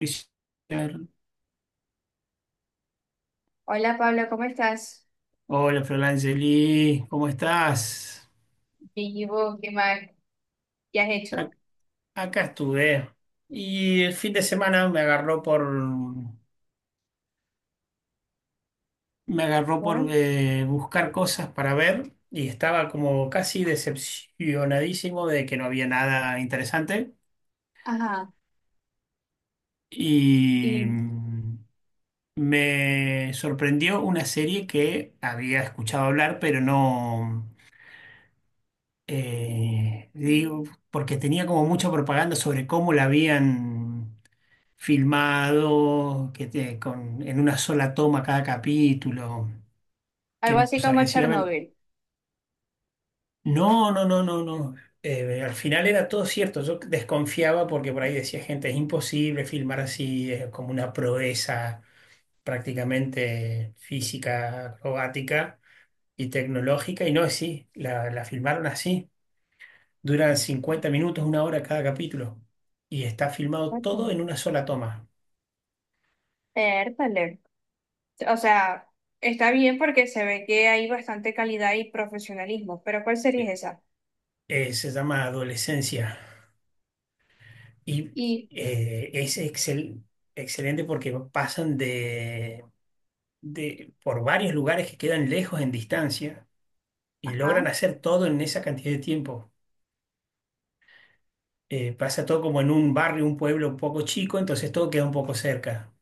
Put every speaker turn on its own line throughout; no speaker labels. Fisher.
Hola Pablo, ¿cómo estás?
Hola, Florangeli, ¿cómo estás?
Vivo, ¿qué más? ¿Qué has hecho?
A- Acá estuve. Y el fin de semana me agarró me agarró
Por
por buscar cosas para ver y estaba como casi decepcionadísimo de que no había nada interesante.
ajá,
Y
y
mm, Me sorprendió una serie que había escuchado hablar, pero no, digo, porque tenía como mucha propaganda sobre cómo la habían filmado, en una sola toma cada capítulo, que
algo
no
así
sabían
como
decir, a ver,
Chernobyl.
no, no, no, no, no. Al final era todo cierto, yo desconfiaba porque por ahí decía gente, es imposible filmar así, es como una proeza prácticamente física, acrobática y tecnológica, y no es así, la filmaron así, duran 50 minutos, una hora cada capítulo, y está filmado todo
Cuéntame.
en una sola toma.
Pértale. O sea, está bien porque se ve que hay bastante calidad y profesionalismo, pero ¿cuál sería esa?
Se llama Adolescencia. Y
Y,
es excelente porque pasan por varios lugares que quedan lejos en distancia y
ajá,
logran hacer todo en esa cantidad de tiempo. Pasa todo como en un barrio, un pueblo un poco chico, entonces todo queda un poco cerca.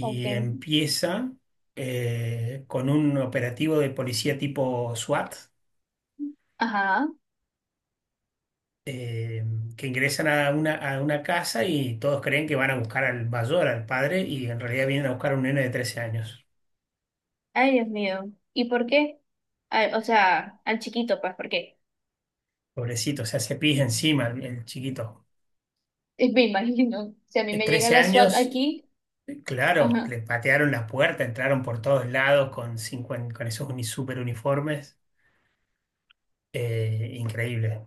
ok,
empieza con un operativo de policía tipo SWAT.
ajá,
eh, que ingresan a a una casa y todos creen que van a buscar al mayor, al padre, y en realidad vienen a buscar a un nene de 13 años.
ay Dios mío, ¿y por qué? Ay, o sea, al chiquito, pues, ¿por qué?
Pobrecito, o sea, se pis encima el chiquito.
Me imagino, si a mí me llega
13
la SWAT
años,
aquí,
claro,
ajá,
le patearon la puerta, entraron por todos lados con, 50 con super uniformes. Increíble.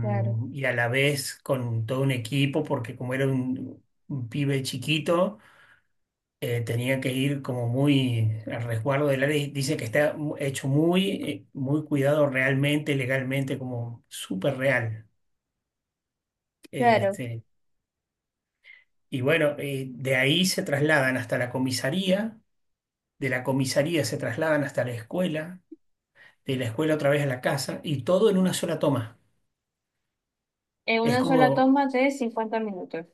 claro.
Y a la vez con todo un equipo, porque como era un pibe chiquito, tenía que ir como muy al resguardo del área. Y dice que está hecho muy, muy cuidado realmente, legalmente, como súper real.
Claro.
Este, Y bueno, de ahí se trasladan hasta la comisaría, de la comisaría se trasladan hasta la escuela, de la escuela otra vez a la casa y todo en una sola toma.
En
Es
una sola
como,
toma de 50 minutos.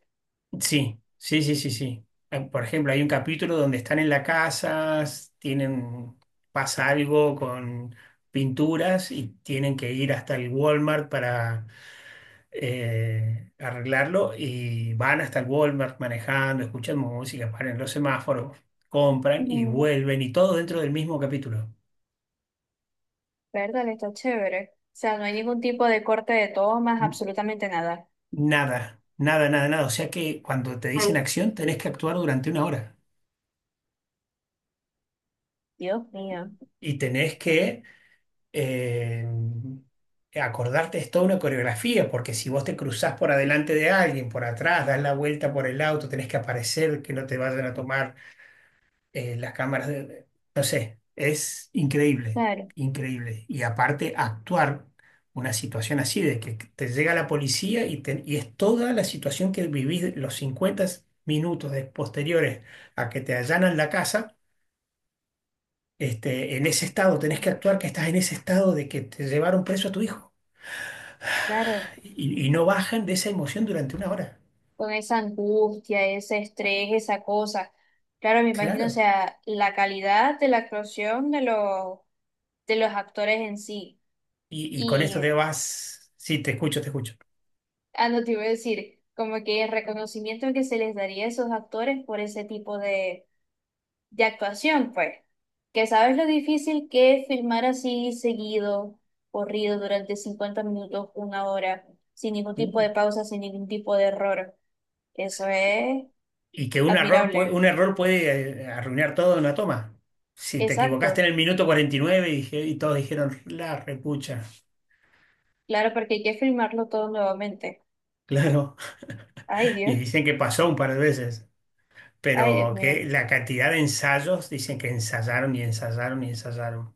sí, sí, sí, sí, sí. Ah, por ejemplo, hay un capítulo donde están en la casa, tienen, pasa algo con pinturas y tienen que ir hasta el Walmart para arreglarlo y van hasta el Walmart manejando, escuchan música, paran en los semáforos, compran y
Ujú.
vuelven y todo dentro del mismo capítulo.
Verdad, está chévere. O sea, no hay ningún tipo de corte de tomas,
N-
absolutamente nada.
Nada, nada, nada, nada. O sea que cuando te dicen
Ay.
acción tenés que actuar durante una hora
Dios mío.
y tenés que eh, acordarte, es toda una coreografía, porque si vos te cruzás por adelante de alguien, por atrás, das la vuelta por el auto, tenés que aparecer, que no te vayan a tomar eh, las cámaras de, no sé, es increíble,
Claro,
increíble. Y aparte, actuar una situación así, de que te llega la policía y es toda la situación que vivís los 50 minutos posteriores a que te allanan la casa, este, en ese estado, tenés que
claro,
actuar que estás en ese estado de que te llevaron preso a tu hijo.
claro.
Y no bajan de esa emoción durante una hora.
Con esa angustia, ese estrés, esa cosa. Claro, me imagino, o
Claro.
sea, la calidad de la actuación de los actores en sí.
Y con esto
Y,
te vas, sí, te escucho, te escucho.
ah, no te iba a decir, como que el reconocimiento que se les daría a esos actores por ese tipo de actuación, pues, que sabes lo difícil que es filmar así seguido, corrido durante 50 minutos, una hora, sin ningún tipo de pausa, sin ningún tipo de error. Eso es
Y que un error, un
admirable.
error puede arruinar todo en una toma. Si te equivocaste
Exacto.
en el minuto y todos dijeron, la repucha,
Claro, porque hay que filmarlo todo nuevamente.
claro.
Ay,
Y
Dios.
dicen que pasó un par de veces.
Ay, Dios
Pero
mío.
que la cantidad de ensayos, dicen que ensayaron y ensayaron y ensayaron.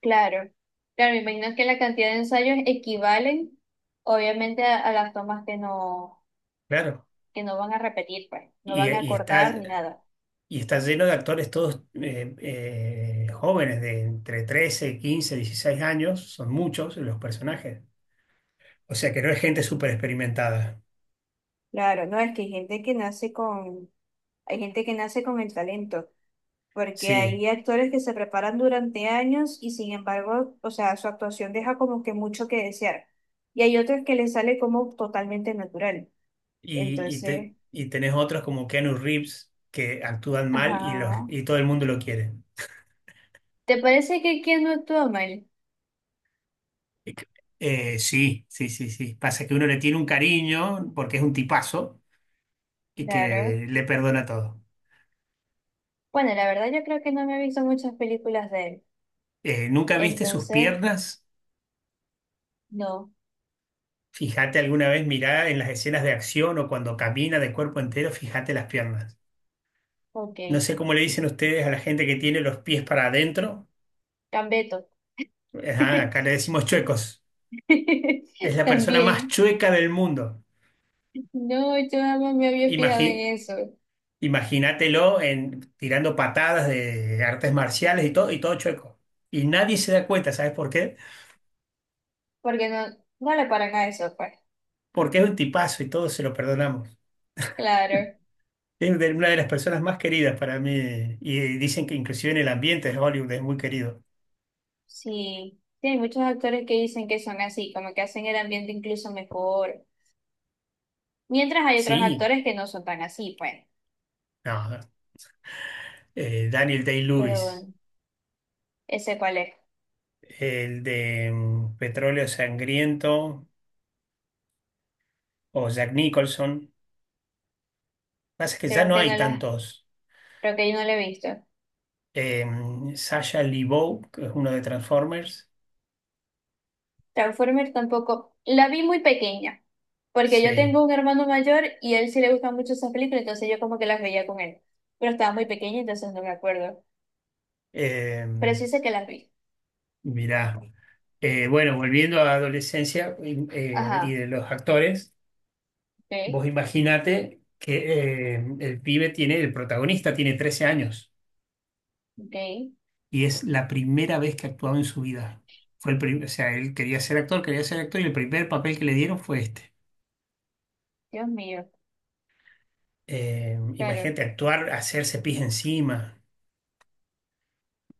Claro. Claro, me imagino que la cantidad de ensayos equivalen, obviamente, a las tomas
Claro.
que no van a repetir, pues, no
Y,
van a
y
cortar
está,
ni nada.
y está lleno de actores todos jóvenes, de entre 13, 15, 16 años. Son muchos los personajes. O sea que no es gente súper experimentada.
Claro, no, es que hay gente que nace con, hay gente que nace con el talento, porque
Sí.
hay actores que se preparan durante años y sin embargo, o sea, su actuación deja como que mucho que desear. Y hay otros que les sale como totalmente natural. Entonces,
Y tenés otros como Keanu Reeves que actúan mal
ajá.
y todo el mundo lo quiere.
¿Te parece que Keanu actúa mal?
Sí, sí, sí, sí. Pasa que uno le tiene un cariño porque es un tipazo y
Claro.
que le perdona todo.
Bueno, la verdad yo creo que no me he visto muchas películas de él.
¿Nunca viste sus
Entonces,
piernas?
no.
Fíjate alguna vez, mirá en las escenas de acción o cuando camina de cuerpo entero, fíjate las piernas.
Ok.
No sé cómo le dicen ustedes a la gente que tiene los pies para adentro.
Cambeto.
Ajá, acá le decimos chuecos. Es la persona más
También.
chueca del mundo.
No, yo jamás me había fijado
Imagi-
en eso.
Imagínatelo en, tirando patadas de artes marciales y todo chueco. Y nadie se da cuenta, ¿sabes por qué?
Porque no, no le paran a eso, pues.
Porque es un tipazo y todos se lo perdonamos.
Claro,
Una de las personas más queridas para mí. Y dicen que inclusive en el ambiente de Hollywood es muy querido.
sí. Sí, hay muchos actores que dicen que son así, como que hacen el ambiente incluso mejor. Mientras hay otros
Sí,
actores que no son tan así, pues.
no. Daniel
Pero
Day-Lewis,
bueno, ese cuál es.
el de Petróleo Sangriento o Jack Nicholson. Pasa que ya
Creo
no
que
hay
no la,
tantos.
creo que yo no la he visto.
Sasha Sasha Lebeau, que es uno de Transformers.
Transformers tampoco. La vi muy pequeña, porque yo
Sí.
tengo un hermano mayor y a él sí le gustan mucho esas películas, entonces yo como que las veía con él. Pero estaba muy pequeña, entonces no me acuerdo.
Eh,
Pero sí sé que las vi.
mirá, bueno, volviendo a la adolescencia y
Ajá,
de los actores,
ok,
vos imaginate que el protagonista tiene 13 años
ok.
y es la primera vez que actuaba en su vida. O sea, él quería ser actor y el primer papel que le dieron fue este.
Dios mío, claro.
Imagínate actuar, hacerse pis encima.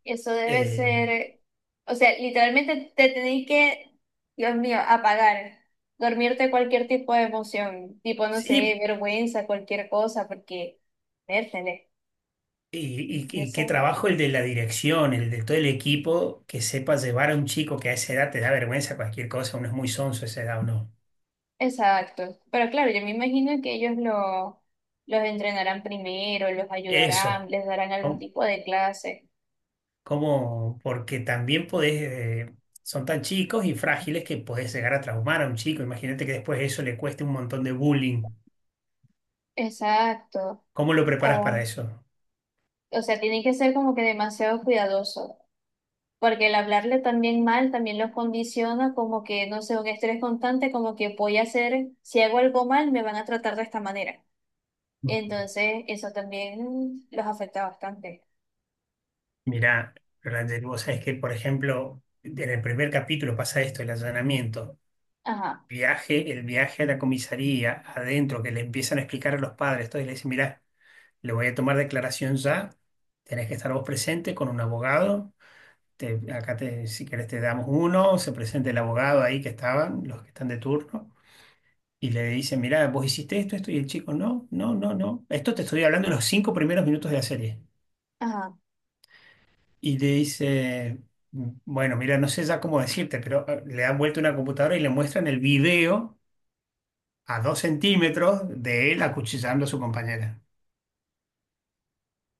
Eso debe
Eh,
ser, o sea, literalmente te tenés que, Dios mío, apagar, dormirte cualquier tipo de emoción, tipo, no sé,
sí,
vergüenza, cualquier cosa, porque, vértele, y
Y qué
eso.
trabajo el de la dirección, el de todo el equipo que sepa llevar a un chico que a esa edad te da vergüenza cualquier cosa, uno es muy sonso a esa edad o no.
Exacto. Pero claro, yo me imagino que ellos lo, los entrenarán primero, los
Eso,
ayudarán, les darán algún
¿no?
tipo de clase.
Como porque también podés, eh, son tan chicos y frágiles que podés llegar a traumar a un chico. Imagínate que después eso le cueste un montón de bullying.
Exacto.
¿Cómo lo preparas para
O,
eso?
o sea, tienen que ser como que demasiado cuidadosos. Porque el hablarle también mal también los condiciona como que, no sé, un estrés constante, como que voy a hacer, si hago algo mal, me van a tratar de esta manera. Entonces, eso también los afecta bastante.
Mirá, Roland, vos sabés que, por ejemplo, en el primer capítulo pasa esto, el allanamiento.
Ajá,
El viaje a la comisaría, adentro, que le empiezan a explicar a los padres, todo, y le dicen, mirá, le voy a tomar declaración ya, tenés que estar vos presente con un abogado, acá te, si querés te damos uno, se presenta el abogado ahí que estaban, los que están de turno, y le dicen, mirá, vos hiciste esto, esto, y el chico, no, no, no, no, esto te estoy hablando en los 5 primeros minutos de la serie.
ajá.
Y le dice... Bueno, mira, no sé ya cómo decirte, pero le han vuelto una computadora y le muestran el video a 2 centímetros de él acuchillando a su compañera.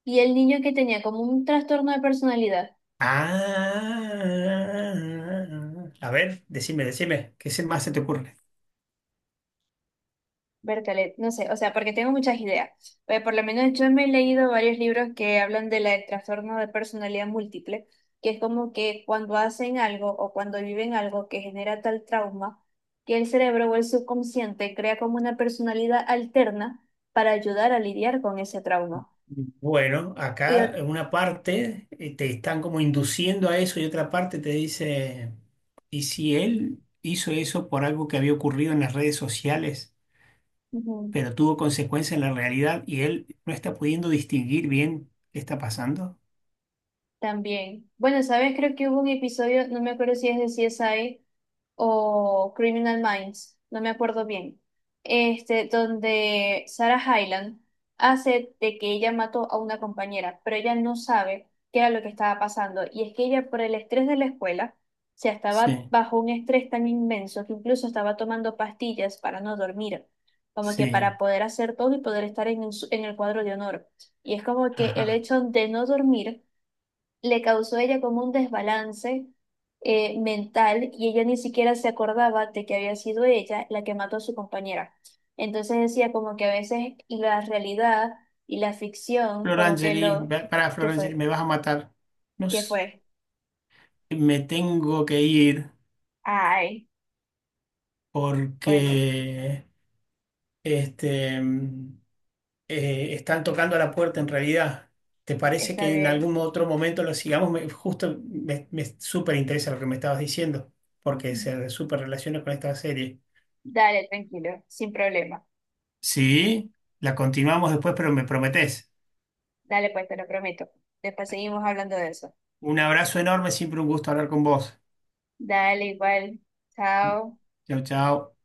Y el niño que tenía como un trastorno de personalidad.
Ah, a ver, decime, decime, ¿más se te ocurre?
Bertalet, no sé, o sea, porque tengo muchas ideas. Por lo menos yo me he leído varios libros que hablan de la- del trastorno de personalidad múltiple, que es como que cuando hacen algo o cuando viven algo que genera tal trauma, que el cerebro o el subconsciente crea como una personalidad alterna para ayudar a lidiar con ese trauma.
Bueno,
Y
acá
ot-
en una parte te están como induciendo a eso y otra parte te dice, ¿y si él hizo eso por algo que había ocurrido en las redes sociales,
ujú,
pero tuvo consecuencias en la realidad y él no está pudiendo distinguir bien qué está pasando?
también. Bueno, ¿sabes? Creo que hubo un episodio, no me acuerdo si es de CSI, o Criminal Minds, no me acuerdo bien, este, donde Sarah Hyland hace de que ella mató a una compañera, pero ella no sabe qué era lo que estaba pasando. Y es que ella, por el estrés de la escuela, o sea, estaba
Sí,
bajo un estrés tan inmenso que incluso estaba tomando pastillas para no dormir, como que
sí,
para poder hacer todo y poder estar en, el su- en el cuadro de honor. Y es como que el
ajá.
hecho de no dormir le causó a ella como un desbalance mental y ella ni siquiera se acordaba de que había sido ella la que mató a su compañera. Entonces decía como que a veces la realidad y la ficción, como que
Florangeli,
lo
pará,
que
Florangeli,
fue,
me vas a matar. No
que
s-
fue.
Me tengo que ir
Ay, bueno,
porque este, mm, están tocando a la puerta en realidad. ¿Te parece
está
que en
bien.
algún otro momento lo sigamos? Justo me súper interesa lo que me estabas diciendo, porque se súper relaciona con esta serie.
Dale, tranquilo, sin problema.
Sí, la continuamos después, pero me prometés.
Dale, pues te lo prometo. Después seguimos hablando de eso.
Un abrazo enorme, siempre un gusto hablar con vos.
Dale, igual. Chao.
Chau, chau.